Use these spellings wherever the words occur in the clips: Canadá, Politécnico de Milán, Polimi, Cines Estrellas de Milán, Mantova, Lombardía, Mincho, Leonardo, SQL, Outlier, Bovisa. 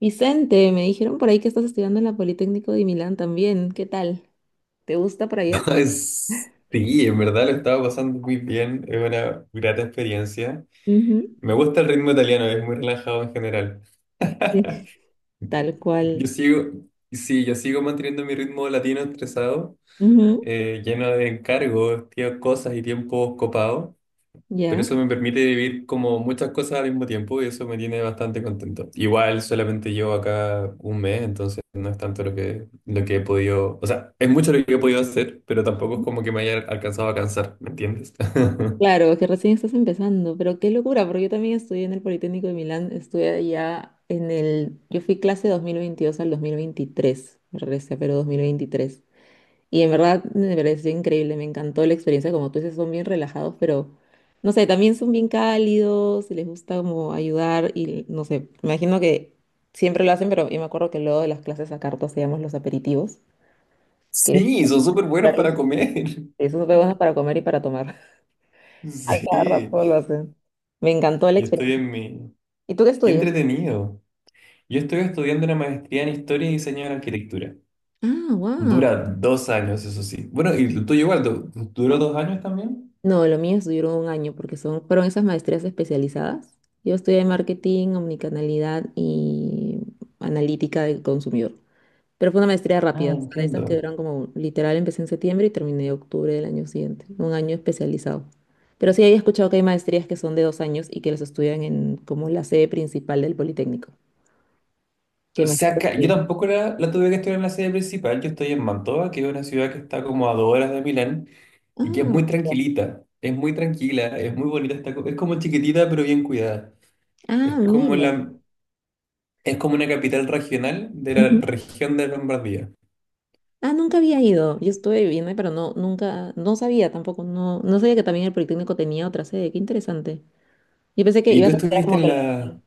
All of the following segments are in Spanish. Vicente, me dijeron por ahí que estás estudiando en la Politécnico de Milán también. ¿Qué tal? ¿Te gusta por allá? Es- Sí, en verdad lo estaba pasando muy bien, es una grata experiencia. Ujú. Me gusta el ritmo italiano, es muy relajado en general. Sí, tal Yo cual. sigo, sí, yo sigo manteniendo mi ritmo latino estresado, Ujú, lleno de encargos, tío, cosas y tiempos copados, pero ya. eso me permite vivir como muchas cosas al mismo tiempo y eso me tiene bastante contento. Igual solamente llevo acá un mes, entonces no es tanto lo que he podido, o sea, es mucho lo que he podido hacer, pero tampoco es como que me haya alcanzado a cansar, ¿me entiendes? Claro, que recién estás empezando, pero qué locura, porque yo también estudié en el Politécnico de Milán, estudié allá en el... Yo fui clase 2022 al 2023, me regresé, pero 2023. Y en verdad me pareció increíble, me encantó la experiencia, como tú dices, son bien relajados, pero no sé, también son bien cálidos, les gusta como ayudar y no sé, me imagino que siempre lo hacen, pero yo me acuerdo que luego de las clases a cartas hacíamos los aperitivos, que Sí, son súper buenos para Claro. comer. Esos son buenos para comer y para tomar. A Sí, cada rato lo hacen. Me encantó la yo estoy experiencia. en mi... ¿Y tú qué Qué estudias? entretenido. Yo estoy estudiando una maestría en Historia y Diseño de la Arquitectura. Ah, wow. Dura 2 años, eso sí. Bueno, y tú igual, ¿duró 2 años también? No, lo mío duró un año porque fueron esas maestrías especializadas. Yo estudié marketing, omnicanalidad y analítica del consumidor. Pero fue una maestría rápida, Ah, o sea, de esas que entiendo. duran como literal, empecé en septiembre y terminé octubre del año siguiente, un año especializado. Pero sí había escuchado que hay maestrías que son de 2 años y que los estudian en como la sede principal del Politécnico. Que O sea, imagino yo que. tampoco la tuve que estudiar en la sede principal. Yo estoy en Mantova, que es una ciudad que está como a 2 horas de Milán y que es muy Ah, tranquilita. Es muy tranquila, es muy bonita. Está, es como chiquitita, pero bien cuidada. Es ah, como mira. la... Es como una capital regional de la región de Lombardía. Ah, nunca había ido. Yo estuve viviendo, ahí, pero no, nunca, no sabía tampoco, no, no sabía que también el Politécnico tenía otra sede. Qué interesante. Yo pensé que ¿Y tú ibas a estudiar estuviste como en que de- la...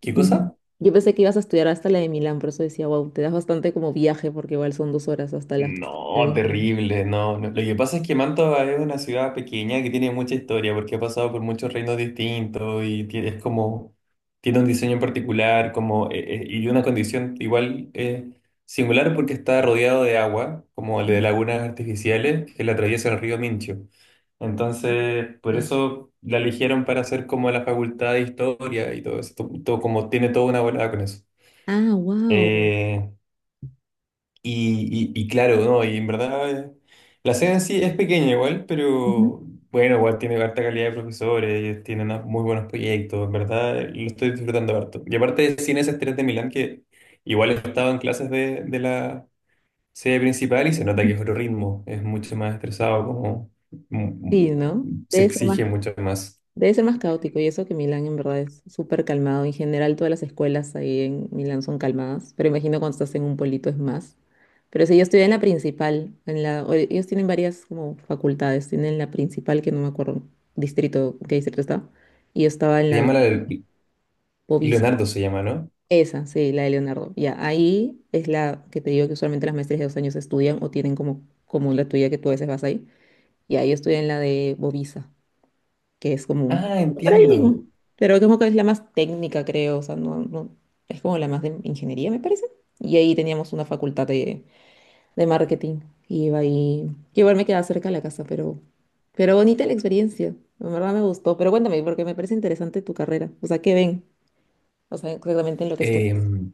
¿Qué Ujú. cosa? Yo pensé que ibas a estudiar hasta la de Milán, por eso decía, wow, te das bastante como viaje, porque igual son 2 horas hasta las que estás No, del mismo. terrible, no, no. Lo que pasa es que Mantova es una ciudad pequeña que tiene mucha historia porque ha pasado por muchos reinos distintos y es como, tiene un diseño en particular, y una condición igual, singular porque está rodeado de agua, como de Ujú. lagunas artificiales que la atraviesa el río Mincho. Entonces, por Ya. eso la eligieron para hacer como la facultad de historia y todo eso, todo como tiene toda una volada con eso. Ah, wow. Eh, y claro, ¿no? Y en verdad, la sede en sí es pequeña igual, pero bueno, igual tiene harta calidad de profesores, ellos tienen unos muy buenos proyectos, en verdad, lo estoy disfrutando harto. Y aparte de Cines Estrellas de Milán, que igual he estado en clases de la sede principal y se nota que es otro ritmo, es mucho más estresado, mm, mm, Sí, ¿no? se exige mucho más. Debe ser más caótico y eso que Milán en verdad es súper calmado. En general todas las escuelas ahí en Milán son calmadas, pero imagino cuando estás en un pueblito es más. Pero si yo estudié en la principal, ellos tienen varias como facultades, tienen la principal que no me acuerdo qué distrito estaba, y yo estaba en Se la de llama la- Bovisa, Leonardo, se llama, ¿no? esa, sí, la de Leonardo. Ya, ahí es la que te digo que usualmente las maestrías de 2 años estudian o tienen como la tuya que tú a veces vas ahí. Y ahí estudié en la de Bovisa que es como un. Ah, Por ahí entiendo. mismo. Pero como que es la más técnica, creo. O sea, no, es como la más de ingeniería, me parece. Y ahí teníamos una facultad de marketing. Y iba ahí. Que igual me quedaba cerca de la casa. Pero bonita la experiencia. En verdad me gustó. Pero cuéntame, porque me parece interesante tu carrera. O sea, ¿qué ven? O sea, exactamente en lo que estudias. Em,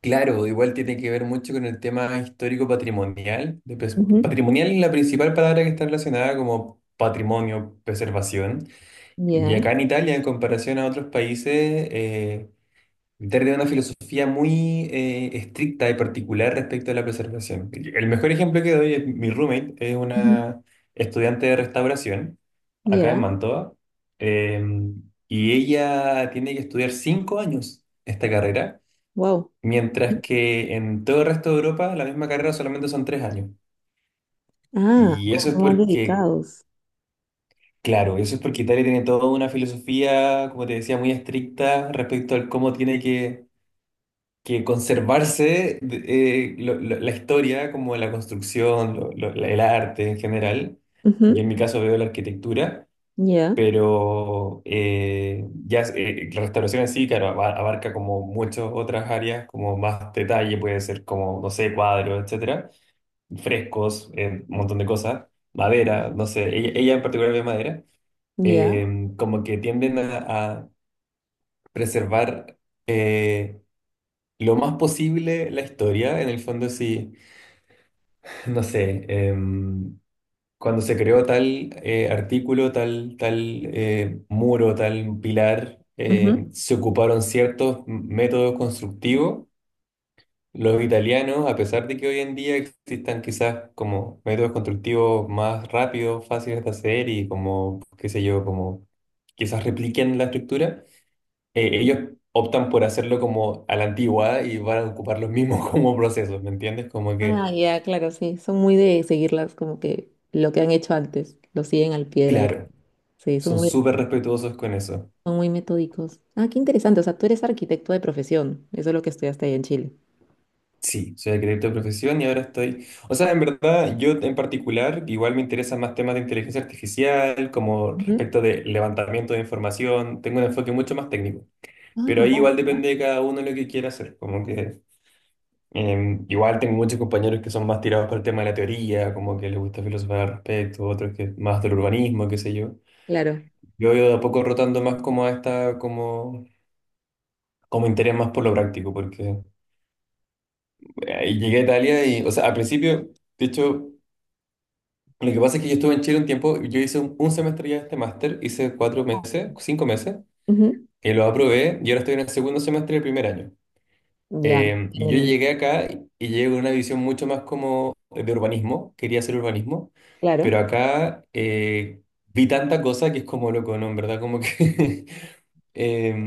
Claro, igual tiene que ver mucho con el tema histórico-patrimonial. Ujú. Patrimonial es la principal palabra que está relacionada como patrimonio, preservación. Y Ya. acá en Italia, en comparación a otros países, eh, Italia tiene una filosofía muy, estricta y particular respecto a la preservación. El mejor ejemplo que doy es mi roommate, es Ujú. una estudiante de restauración acá en Ya. Mantova, em, y ella tiene que estudiar 5 años esta carrera. Wow. Mientras que en todo el resto de Europa la misma carrera solamente son 3 años. Ah, Y como eso es son más porque, dedicados. claro, eso es porque Italia tiene toda una filosofía, como te decía, muy estricta respecto al cómo tiene que conservarse, la historia, como la construcción, el arte en general. Yo Ujú. en mi caso veo la arquitectura, Ya. pero, la restauración en sí, claro, abarca como muchas otras áreas, como más detalle, puede ser como, no sé, cuadros, etcétera, frescos, un montón de cosas, madera, no sé, ella en particular ve madera, Ya. Como que tienden a preservar, eh, lo más posible la historia, en el fondo sí, no sé, cuando se creó tal, artículo, tal, muro, tal pilar, Ujú. Se ocuparon ciertos métodos constructivos. Los italianos, a pesar de que hoy en día existan quizás como métodos constructivos más rápidos, fáciles de hacer y como, qué sé yo, como quizás repliquen la estructura, ellos optan por hacerlo como a la antigua y van a ocupar los mismos como procesos, ¿me entiendes? Como Ah, que, ya, claro, sí. Son muy de seguirlas como que lo que han hecho antes, lo siguen al pie de la letra. claro, Sí, son son muy, súper respetuosos con eso. son muy metódicos. Ah, qué interesante. O sea, tú eres arquitecto de profesión. Eso es lo que estudiaste ahí en Chile. Sí, soy acredito de profesión y ahora estoy, o sea, en verdad, yo en particular, igual me interesan más temas de inteligencia artificial, como Ujú. respecto de levantamiento de información, tengo un enfoque mucho más técnico, Ah, pero ahí wow. igual depende de cada uno lo que quiera hacer, como que, igual tengo muchos compañeros que son más tirados por el tema de la teoría, como que les gusta filosofar al respecto, otros que más del urbanismo, qué sé yo. Claro. Yo voy de a poco rotando más como a esta, como interés más por lo práctico, porque, llegué a Italia y, o sea, al principio... De hecho, lo que pasa es que yo estuve en Chile un tiempo, yo hice un semestre ya de este máster, hice 4 meses, 5 meses, Ujú. y lo aprobé, y ahora estoy en el segundo semestre del primer año. Ya, Y yo entendí. llegué acá y llegué con una visión mucho más como de urbanismo, quería hacer urbanismo, Claro. pero acá, vi tanta cosa que es como loco, ¿no? En verdad, como que...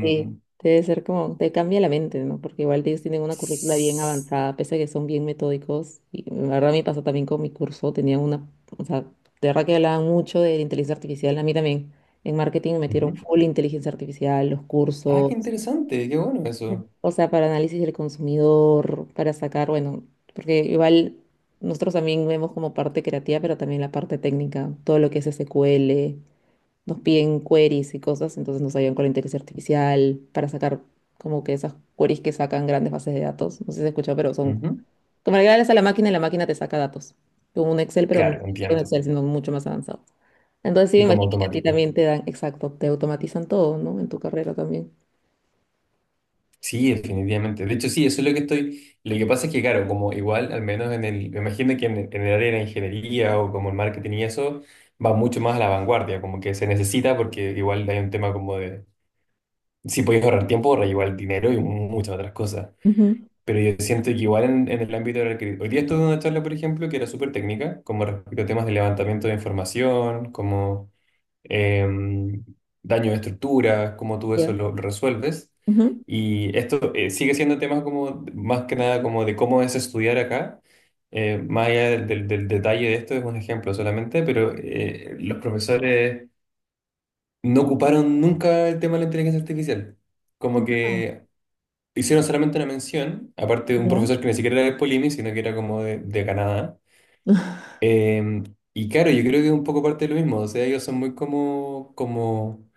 Sí, debe ser como, te cambia la mente, ¿no? Porque igual ellos tienen una currícula bien s- avanzada, pese a que son bien metódicos. Y la verdad me pasó también con mi curso, o sea, de verdad que hablaban mucho de la inteligencia artificial. A mí también en marketing me metieron ujú. full inteligencia artificial, los Ah, cursos, qué interesante, qué bueno eso. o sea, para análisis del consumidor, para sacar, bueno, porque igual nosotros también vemos como parte creativa, pero también la parte técnica, todo lo que es SQL nos piden queries y cosas, entonces nos ayudan con la inteligencia artificial para sacar como que esas queries que sacan grandes bases de datos. No sé si se escuchado, pero son Ujú. como le das a la máquina y la máquina te saca datos. Como un Excel, pero no Claro, es un entiendo. Excel, sino mucho más avanzado. Entonces sí, Y me como imagino que a ti automático. también te dan, exacto, te automatizan todo, ¿no? En tu carrera también. Sí, definitivamente. De hecho, sí, eso es lo que estoy. Lo que pasa es que, claro, como igual, al menos me imagino que en el área de la ingeniería o como el marketing y eso, va mucho más a la vanguardia, como que se necesita porque igual hay un tema como de, si podéis ahorrar tiempo, ahorrar igual dinero y muchas otras cosas. Ujú, Pero yo siento que igual en el ámbito de la hoy día estuve en una charla, por ejemplo, que era súper técnica, como respecto a temas de levantamiento de información, como, em, daño de estructura, cómo tú eso ya. lo resuelves. Ujú. Y esto, sigue siendo temas como, más que nada, como de cómo es estudiar acá. Más allá del detalle de esto, es un ejemplo solamente, pero, los profesores no ocuparon nunca el tema de la inteligencia artificial. Como Ah, que hicieron solamente una mención, aparte de un ya. profesor que ni siquiera era de Polimi, sino que era como de Canadá. Em, y claro, yo creo que es un poco parte de lo mismo, o sea, ellos son muy como, como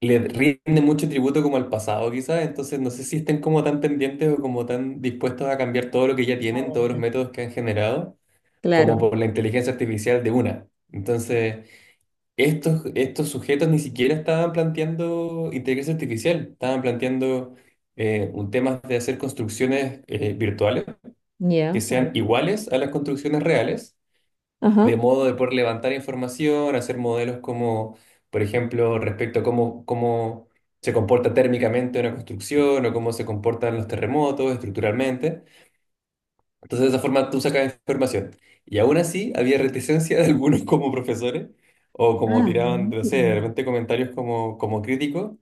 le rinde mucho tributo como al pasado, quizás, entonces no sé si estén como tan pendientes o como tan dispuestos a cambiar todo lo que ya tienen, todos los métodos que han generado, Claro, como por la inteligencia artificial de una. Entonces, estos sujetos ni siquiera estaban planteando inteligencia artificial, estaban planteando, un tema de hacer construcciones, virtuales que ya. sean Bueno. iguales a las construcciones reales de Ajá. modo de poder levantar información, hacer modelos como, por ejemplo, respecto a cómo se comporta térmicamente una construcción o cómo se comportan los terremotos estructuralmente. Entonces, de esa forma tú sacas información. Y aún así, había reticencia de algunos como profesores o como Ah, tiraban, bueno. no sé, de repente comentarios como, como críticos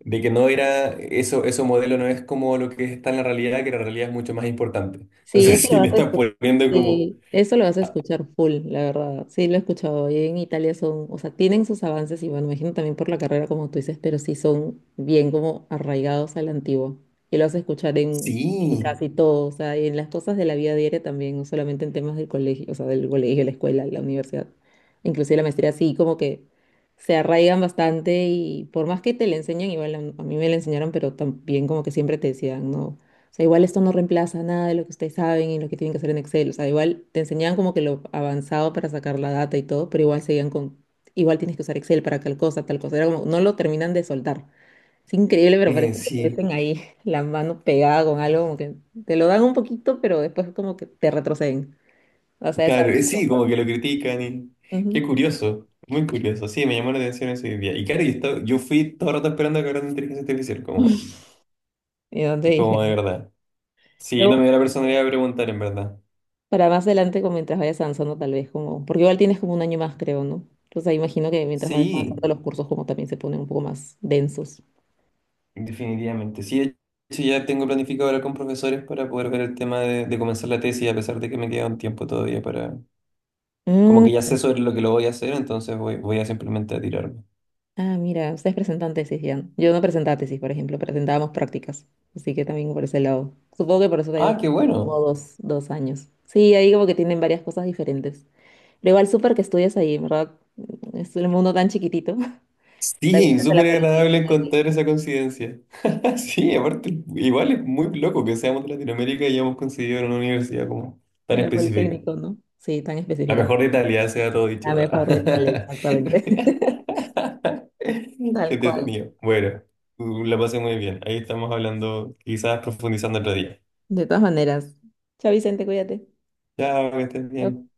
de que no era, eso modelo no es como lo que está en la realidad, que la realidad es mucho más importante. Sí, Entonces, eso lo sí, le vas a están escuchar. poniendo como, Sí, eso lo vas a ah, escuchar full, la verdad. Sí, lo he escuchado. Y en Italia o sea, tienen sus avances y bueno, imagino también por la carrera como tú dices, pero sí son bien como arraigados a la antigua. Y lo vas a escuchar en sí, casi todo, o sea, y en las cosas de la vida diaria también, no solamente en temas del colegio, o sea, del colegio, la escuela, la universidad, inclusive la maestría, sí, como que se arraigan bastante y por más que te le enseñan, igual a mí me la enseñaron, pero también como que siempre te decían, no. O sea, igual esto no reemplaza nada de lo que ustedes saben y lo que tienen que hacer en Excel. O sea, igual te enseñaban como que lo avanzado para sacar la data y todo, pero igual seguían con, igual tienes que usar Excel para tal cosa, tal cosa. Era como, no lo terminan de soltar. Es increíble, pero parece que sí, meten ahí la mano pegada con algo, como que te lo dan un poquito, pero después como que te retroceden. O sea. claro, sí, como que lo critican y... Qué Ujú. curioso, muy curioso. Sí, me llamó la atención ese día. Y claro, yo fui todo el rato esperando que hablaran de inteligencia artificial, como, Y dónde dije. como de verdad. Sí, Pero no me dio la bueno, personalidad de preguntar, en verdad. para más adelante, como mientras vayas avanzando, tal vez como, porque igual tienes como un año más, creo, ¿no? Entonces ahí imagino que mientras vayas avanzando Sí, los cursos como también se ponen un poco más densos. definitivamente. Sí, de hecho ya tengo planificado hablar con profesores para poder ver el tema de comenzar la tesis, a pesar de que me queda un tiempo todavía para... Como Mm, que ya sé sobre lo que lo voy a hacer, entonces voy a simplemente a tirarme. ah, mira, ustedes presentan tesis ya. Yo no presentaba tesis, por ejemplo, presentábamos prácticas. Así que también por ese lado. Supongo que por eso te digo Ah, que qué tienen como bueno. dos años. Sí, ahí como que tienen varias cosas diferentes. Pero igual súper que estudias ahí, en ¿verdad? Es el mundo tan chiquitito que también Sí, es súper agradable encontrar esa coincidencia. Sí, aparte, igual es muy loco que seamos de Latinoamérica y hayamos coincidido en una universidad como de tan la específica. politécnico, ¿no? Sí, tan La específica. mejor de Italia, sea todo La dicho. Ah. mejor de tal, Qué exactamente. Tal cual. entretenido. Bueno, la pasé muy bien. Ahí estamos hablando, quizás profundizando otro día. De todas maneras. Chao, Vicente, cuídate. Chao, que estés bien.